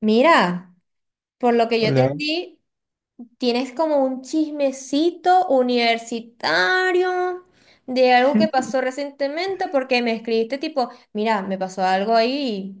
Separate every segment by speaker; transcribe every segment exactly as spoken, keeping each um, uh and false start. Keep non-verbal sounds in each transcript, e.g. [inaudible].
Speaker 1: Mira, por lo que yo
Speaker 2: Hola.
Speaker 1: entendí, tienes como un chismecito universitario de algo que pasó recientemente porque me escribiste tipo, mira, me pasó algo ahí y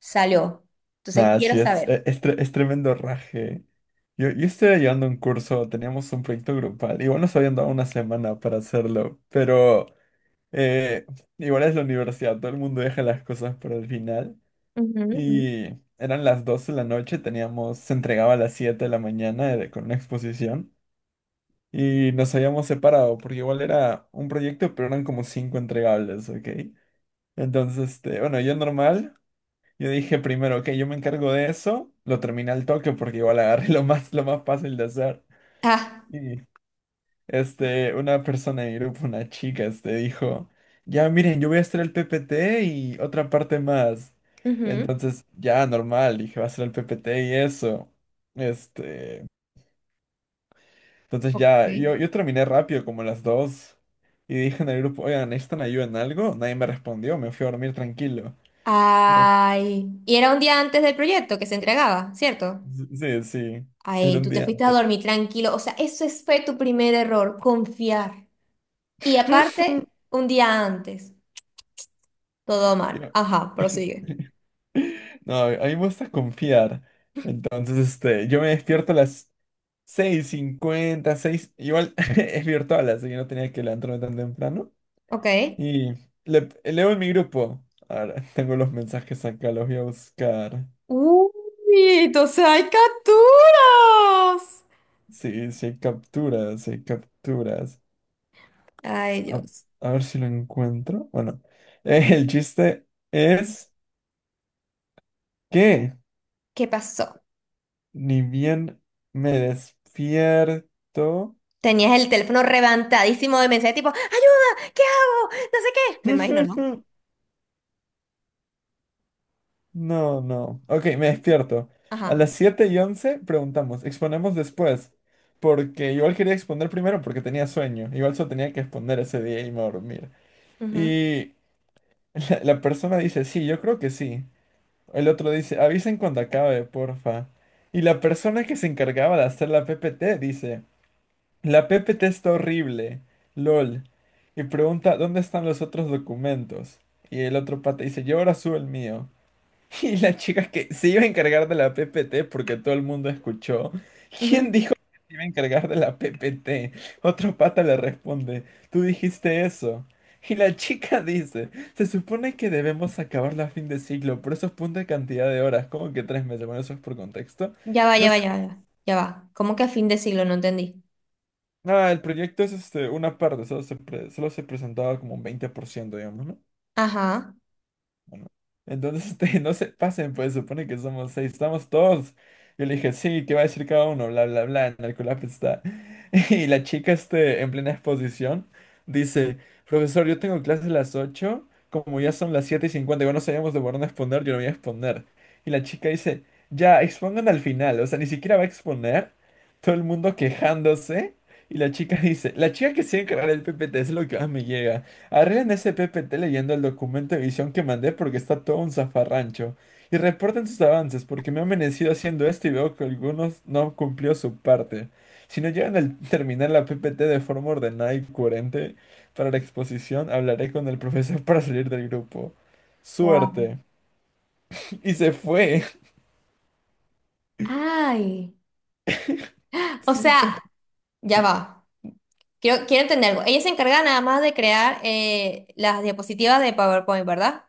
Speaker 1: salió. Entonces
Speaker 2: Nada,
Speaker 1: quiero
Speaker 2: sí, es,
Speaker 1: saber.
Speaker 2: e- es, tre- es tremendo raje. Yo, yo estaba llevando un curso, teníamos un proyecto grupal. Igual nos habían dado una semana para hacerlo, pero eh, igual es la universidad, todo el mundo deja las cosas para el final.
Speaker 1: Ujú, ujú.
Speaker 2: Y eran las doce de la noche, teníamos, se entregaba a las siete de la mañana eh, con una exposición. Y nos habíamos separado, porque igual era un proyecto, pero eran como cinco entregables, ¿ok? Entonces, este, bueno, yo normal. Yo dije primero, ok, yo me encargo de eso, lo terminé al toque porque igual agarré [laughs] lo más, lo más fácil de hacer.
Speaker 1: Ah,
Speaker 2: Y este, una persona de mi grupo, una chica, este, dijo, ya miren, yo voy a hacer el P P T y otra parte más.
Speaker 1: ujú.
Speaker 2: Entonces, ya, normal, dije, va a ser el P P T y eso. Este, entonces
Speaker 1: Ok.
Speaker 2: ya, yo, yo terminé rápido, como a las dos. Y dije en el grupo, oigan, ¿necesitan ayuda en algo? Nadie me respondió, me fui a dormir tranquilo. Me-
Speaker 1: Ay, y era un día antes del proyecto que se entregaba, ¿cierto?
Speaker 2: Sí, sí, era
Speaker 1: Ay,
Speaker 2: un
Speaker 1: tú te
Speaker 2: día
Speaker 1: fuiste a
Speaker 2: antes.
Speaker 1: dormir tranquilo. O sea, eso es- fue tu primer error, confiar. Y aparte,
Speaker 2: [laughs]
Speaker 1: un día antes. Todo mal.
Speaker 2: Yo-
Speaker 1: Ajá,
Speaker 2: [laughs]
Speaker 1: prosigue.
Speaker 2: No, a mí me gusta confiar. Entonces, este, yo me despierto a las seis cincuenta seis. Igual [laughs] es virtual, así que no tenía que levantarme tan temprano.
Speaker 1: Ok.
Speaker 2: Y le- leo en mi grupo. Ahora [laughs] tengo los mensajes acá, los voy a buscar.
Speaker 1: ¡Uy! ¡Entonces hay capturas!
Speaker 2: Sí, sí hay capturas, sí hay capturas.
Speaker 1: Ay,
Speaker 2: A,
Speaker 1: Dios.
Speaker 2: a ver si lo encuentro. Bueno, [laughs] eh, el chiste es que
Speaker 1: ¿Qué pasó?
Speaker 2: ni bien me despierto.
Speaker 1: Tenías el teléfono reventadísimo de mensajes tipo, ¡ayuda! ¿Qué hago? No sé qué. Me imagino, ¿no?
Speaker 2: [laughs] No, no. Ok, me despierto. A
Speaker 1: Ajá.
Speaker 2: las siete y once preguntamos, exponemos después. Porque igual quería exponer primero porque tenía sueño. Igual solo tenía que exponer ese día y me iba a dormir.
Speaker 1: Ujú,
Speaker 2: Y [laughs] la, la persona dice, sí, yo creo que sí. El otro dice, avisen cuando acabe, porfa. Y la persona que se encargaba de hacer la P P T dice, la P P T está horrible. LOL. Y pregunta, ¿dónde están los otros documentos? Y el otro pata dice, yo ahora subo el mío. [laughs] Y la chica que se iba a encargar de la P P T porque todo el mundo escuchó.
Speaker 1: ujú.
Speaker 2: ¿Quién dijo que se iba a encargar de la P P T? Otro pata le responde, tú dijiste eso. Y la chica [laughs] dice, se supone que debemos acabarla a fin de siglo, por eso es punta cantidad de horas, como que tres meses, bueno, eso es por contexto.
Speaker 1: Ya va,
Speaker 2: No
Speaker 1: ya va,
Speaker 2: sé,
Speaker 1: ya va. Ya va. Ya va. ¿Cómo que a fin de siglo? No entendí.
Speaker 2: nada, el proyecto es este, una parte, solo se, pre- solo se presentaba como un veinte por ciento digamos, ¿no?
Speaker 1: Ajá.
Speaker 2: Bueno, entonces, [laughs] este, no se pasen, pues supone que somos seis, estamos todos. Yo le dije, sí, ¿qué va a decir cada uno? Bla, bla, bla, en el colapso está. [laughs] Y la chica, este, en plena exposición, dice, profesor, yo tengo clase a las ocho como ya son las siete y cincuenta igual no sabíamos de por dónde exponer, yo lo voy a exponer. Y la chica dice, ya, expongan al final, o sea, ni siquiera va a exponer, todo el mundo quejándose. Y la chica [laughs] dice, la chica que se encargará del P P T, t es lo que más me llega. Arreglen ese P P T leyendo el documento de visión que mandé porque está todo un zafarrancho. Y reporten sus avances porque me he amanecido haciendo esto y veo que algunos no han cumplido su parte. Si no llegan a terminar la P P T de forma ordenada y coherente para la exposición, hablaré con el profesor para salir del grupo.
Speaker 1: Wow.
Speaker 2: Suerte. [laughs] Y se fue.
Speaker 1: Ay. O
Speaker 2: [laughs]
Speaker 1: sea,
Speaker 2: Sí.
Speaker 1: ya va. Quiero, quiero entender algo. Ella se encarga nada más de crear eh, las diapositivas de PowerPoint, ¿verdad?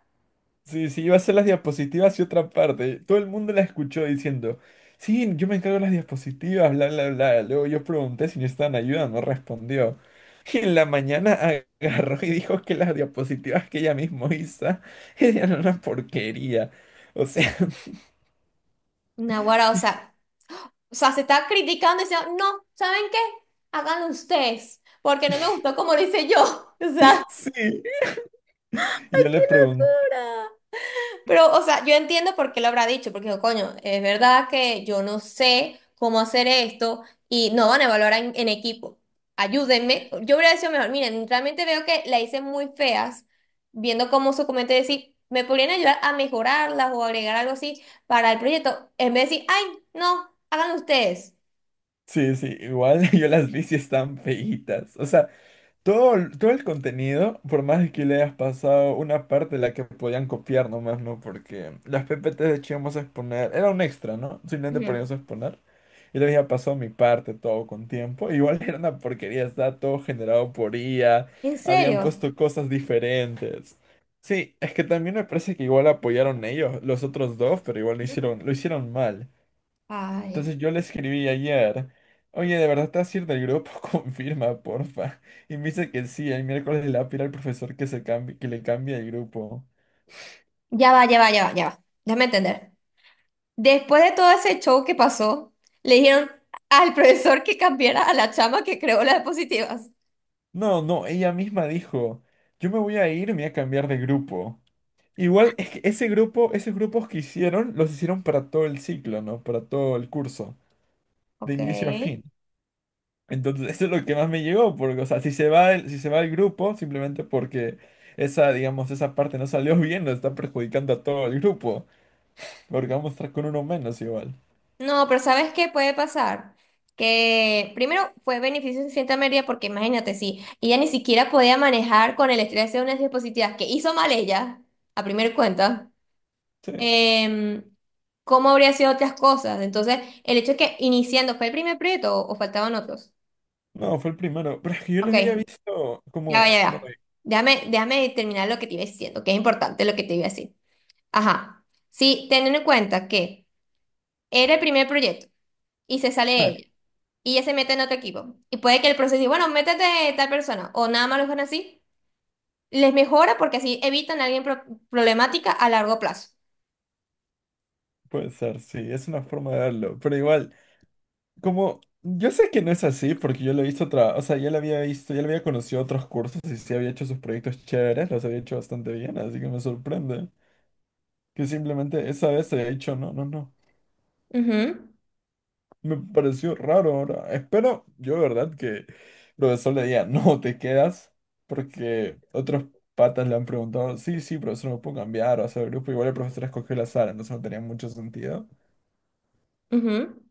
Speaker 2: Sí, sí, iba a hacer las diapositivas y otra parte. Todo el mundo la escuchó diciendo, sí, yo me encargo de las diapositivas, bla, bla, bla. Luego yo pregunté si necesitaban ayuda, no respondió. Y en la mañana [laughs] agarró y dijo que las diapositivas que ella misma hizo [laughs] eran una porquería. O sea,
Speaker 1: Naguará, o sea, o sea, se está criticando y diciendo, no, ¿saben qué? Háganlo ustedes, porque no me gustó como lo hice yo. [laughs] O sea,
Speaker 2: [laughs] sí.
Speaker 1: ¡ay,
Speaker 2: Y yo
Speaker 1: qué
Speaker 2: le pregunté,
Speaker 1: locura! Pero, o sea, yo entiendo por qué lo habrá dicho, porque dijo, coño, es verdad que yo no sé cómo hacer esto y no van a evaluar en, en equipo. Ayúdenme. Yo hubiera sido mejor, miren, realmente veo que la hice muy feas, viendo cómo su comentario decir, me podrían ayudar a mejorarlas o agregar algo así para el proyecto, en vez de decir, ay, no, háganlo ustedes.
Speaker 2: sí, sí, igual [laughs] yo las vi si están feitas. O sea, todo, el- todo el contenido, por más de que le hayas pasado una parte de la que podían copiar nomás, ¿no? Porque las P P T de hecho íbamos a exponer, era un extra, ¿no? Simplemente
Speaker 1: Ujú.
Speaker 2: poníamos a exponer. Y le había pasado mi parte todo con tiempo. [laughs] Igual era una porquería, estaba todo generado por I A,
Speaker 1: ¿En
Speaker 2: habían
Speaker 1: serio?
Speaker 2: puesto cosas diferentes. Sí, es que también me parece que igual apoyaron ellos, los otros dos, pero igual lo
Speaker 1: Ujú.
Speaker 2: hicieron, lo hicieron mal.
Speaker 1: Ay,
Speaker 2: Entonces yo le escribí ayer, oye, ¿de verdad te vas a ir del grupo? [laughs] Confirma, porfa. Y me dice que sí, el miércoles le va a pedir al profesor que, se cambie, que le cambie el grupo.
Speaker 1: ya va, ya va, ya va, ya va. Déjame entender. Después de todo ese show que pasó, le dijeron al profesor que cambiara a la chama que creó las diapositivas.
Speaker 2: No, no, ella misma dijo, yo me voy a ir, me voy a cambiar de grupo. Igual es que ese grupo, esos grupos que hicieron, los hicieron para todo el ciclo, ¿no? Para todo el curso, de
Speaker 1: Ok.
Speaker 2: inicio a fin. Entonces, [laughs] eso es lo que más me llegó, porque, o sea, si se va el, si se va el grupo, simplemente porque esa, digamos, esa parte no salió [laughs] bien, nos está perjudicando a todo el grupo. Porque vamos a estar con uno menos igual.
Speaker 1: No, pero ¿sabes qué puede pasar? Que primero fue beneficio de cierta medida porque imagínate, si ella ni siquiera podía manejar con el estrés de unas diapositivas que hizo mal ella, a primera cuenta,
Speaker 2: Sí.
Speaker 1: em, ¿cómo habría sido otras cosas? Entonces, el hecho de que iniciando fue el primer proyecto o o faltaban otros.
Speaker 2: No, fue el primero. [laughs] Pero es que yo lo
Speaker 1: Ok.
Speaker 2: había visto
Speaker 1: Ya va,
Speaker 2: como...
Speaker 1: ya
Speaker 2: Bueno,
Speaker 1: va.
Speaker 2: y-
Speaker 1: Déjame, déjame terminar lo que te iba diciendo, que es importante lo que te iba a decir. Ajá. Sí, teniendo en cuenta que era el primer proyecto y se sale
Speaker 2: ah,
Speaker 1: ella y ella se mete en otro equipo y puede que el proceso diga, bueno, métete tal persona o nada más lo dejan así, les mejora porque así evitan a alguien pro- problemática a largo plazo.
Speaker 2: puede ser, sí, es una forma de verlo. Pero igual, como... Yo sé que no es así porque yo lo he visto otra... O sea, ya lo había visto, ya lo había conocido otros cursos y sí había hecho sus proyectos chéveres, los había hecho bastante bien, así que me sorprende. Que simplemente esa vez se haya dicho, no, no, no.
Speaker 1: Ujú,
Speaker 2: Me pareció raro ahora. Espero, yo de verdad, que el profesor le diga, [laughs] no, te quedas, porque otros patas le han preguntado, sí, sí, profesor, me puedo cambiar o hacer el grupo. Igual el profesor escogió la sala, entonces no tenía mucho sentido.
Speaker 1: ujú.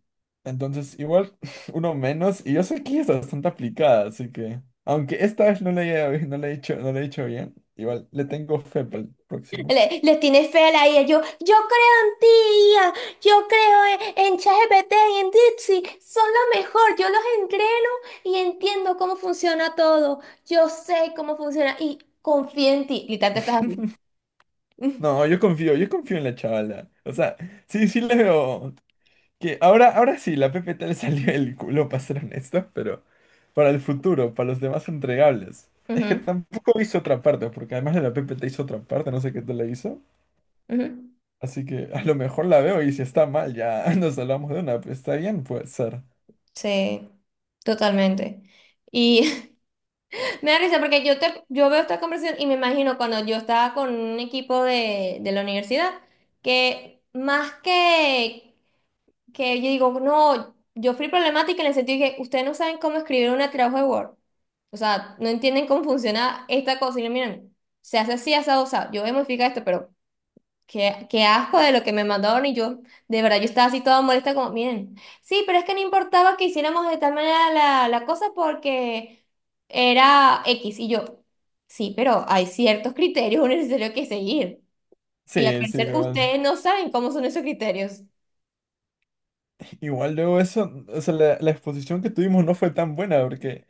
Speaker 2: Entonces, igual, [laughs] uno menos, y yo sé que es bastante aplicada, así que, aunque esta vez no le haya, [laughs] no le he hecho, no le he hecho bien, igual le tengo fe para el próximo.
Speaker 1: Le- les tiene fe a la I A. Yo, yo creo en ti, I A. Yo creo en, en ChatGPT y en Dipsy. Son lo mejor. Yo los entreno y entiendo cómo funciona todo. Yo sé cómo funciona y confío en ti. Y tanto estás así. Ujú,
Speaker 2: No, yo confío, yo confío en la chavala. O sea, sí, sí le veo. Que ahora, ahora sí, la P P T le salió el culo, [laughs] para ser honesto, pero para el futuro, para los demás entregables. Es que
Speaker 1: ujú.
Speaker 2: tampoco hizo otra parte, porque además de la P P T hizo otra parte, no sé qué te la hizo.
Speaker 1: Ujú.
Speaker 2: Así que a lo mejor la veo y si está mal, ya [laughs] nos hablamos de una. Pues, está bien, puede ser.
Speaker 1: Sí, totalmente. Y [laughs] me da risa porque yo, te, yo veo esta conversación y me imagino cuando yo estaba con un equipo de, de la universidad que más que que yo digo, no, yo fui problemática en el sentido de que ustedes no saben cómo escribir un trabajo de Word. O sea, no entienden cómo funciona esta cosa. Y yo, miren, se hace así, asado, o sea, yo voy a modificar esto, pero qué, qué asco de lo que me mandaron. Y yo, de verdad, yo estaba así toda molesta, como, miren, sí, pero es que no importaba que hiciéramos de tal manera la, la cosa porque era X. Y yo, sí, pero hay ciertos criterios necesarios que seguir. Y al
Speaker 2: Sí, sí,
Speaker 1: parecer,
Speaker 2: igual.
Speaker 1: ustedes no saben cómo son esos criterios.
Speaker 2: Igual luego eso, o sea, la, la exposición que tuvimos no fue tan buena, porque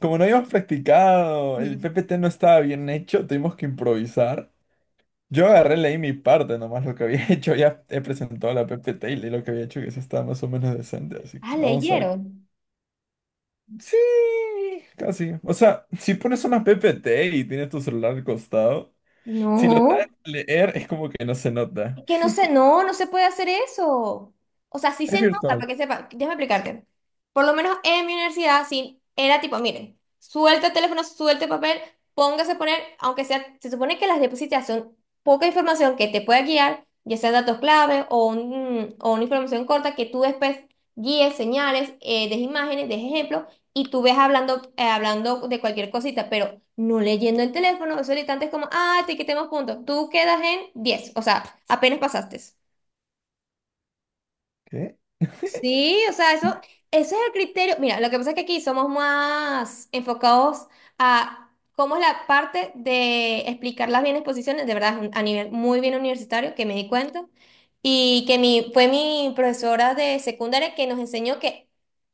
Speaker 2: como no habíamos practicado, el
Speaker 1: Ujú.
Speaker 2: P P T no estaba bien hecho, tuvimos que improvisar. Yo agarré, leí mi parte nomás, lo que había [laughs] hecho, ya he presentado la P P T y leí lo que había hecho, que eso estaba más o menos decente, así que
Speaker 1: Ah,
Speaker 2: vamos a ver.
Speaker 1: leyeron.
Speaker 2: Sí, casi. O sea, si pones una P P T y tienes tu celular al costado, si lo sabes
Speaker 1: No,
Speaker 2: leer es como que no se
Speaker 1: es
Speaker 2: nota.
Speaker 1: que no se, no, no se puede hacer eso. O sea, sí se
Speaker 2: Es
Speaker 1: nota, para
Speaker 2: virtual.
Speaker 1: que sepa, déjame explicarte. Por lo menos en mi universidad, sí, era tipo, miren, suelta el teléfono, suelta el papel, póngase a poner, aunque sea, se supone que las diapositivas son poca información que te pueda guiar, ya sea datos clave o, un- o una información corta que tú después guíes, señales, eh, des imágenes, des ejemplos, y tú ves hablando, eh, hablando de cualquier cosita, pero no leyendo el teléfono, eso ahorita antes como, ah, te quitemos puntos, tú quedas en diez, o sea, apenas pasaste.
Speaker 2: ¿Qué?
Speaker 1: Sí, o sea, eso, eso es el criterio. Mira, lo que pasa es que aquí somos más enfocados a cómo es la parte de explicar las bien exposiciones, de verdad, es un- a nivel muy bien universitario, que me di cuenta, y que mi, fue mi profesora de secundaria que nos enseñó que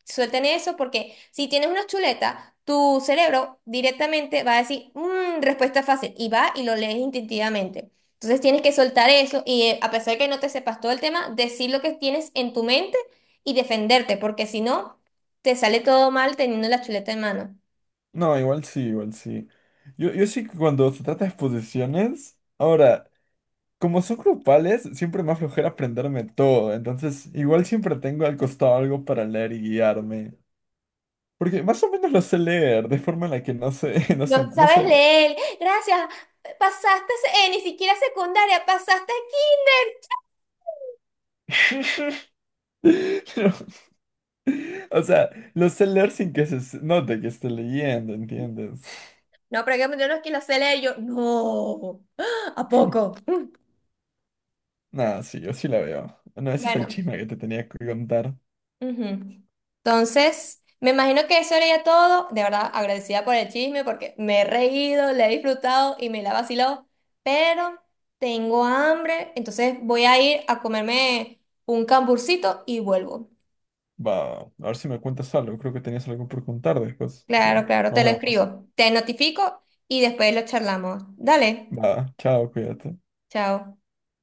Speaker 1: suelten eso, porque si tienes una chuleta, tu cerebro directamente va a decir, "Mm, respuesta fácil", y va y lo lees instintivamente. Entonces tienes que soltar eso y eh, a pesar de que no te sepas todo el tema, decir lo que tienes en tu mente y defenderte, porque si no, te sale todo mal teniendo la chuleta en mano.
Speaker 2: No, igual sí, igual sí. Yo, yo sí que cuando se trata de exposiciones, ahora, como son grupales, siempre me da flojera aprenderme todo, entonces igual siempre tengo al costado algo para leer y guiarme. Porque más o menos lo sé leer, de forma en la que no se, [laughs] no se,
Speaker 1: No
Speaker 2: no
Speaker 1: sabes
Speaker 2: se ve.
Speaker 1: leer, gracias, pasaste, se- eh, ni siquiera secundaria, pasaste kinder.
Speaker 2: [laughs] Pero, o sea, lo sé leer sin que se se note que esté leyendo, ¿entiendes?
Speaker 1: No, pero hay que yo no es que lo sé leer, yo, no, [gasps] ¿a poco?
Speaker 2: Nada, sí, yo sí la veo. Bueno, ese es el
Speaker 1: Bueno,
Speaker 2: chisme que te tenía que contar.
Speaker 1: ujú. Entonces, me imagino que eso era ya todo. De verdad, agradecida por el chisme porque me he reído, le he disfrutado y me la vaciló. Pero tengo hambre, entonces voy a ir a comerme un camburcito y vuelvo.
Speaker 2: Va, a ver si me cuentas algo. Creo que tenías algo por contar después. Así,
Speaker 1: Claro, claro, te
Speaker 2: nos
Speaker 1: lo
Speaker 2: vemos.
Speaker 1: escribo, te notifico y después lo charlamos. Dale,
Speaker 2: Va, chao, cuídate.
Speaker 1: chao.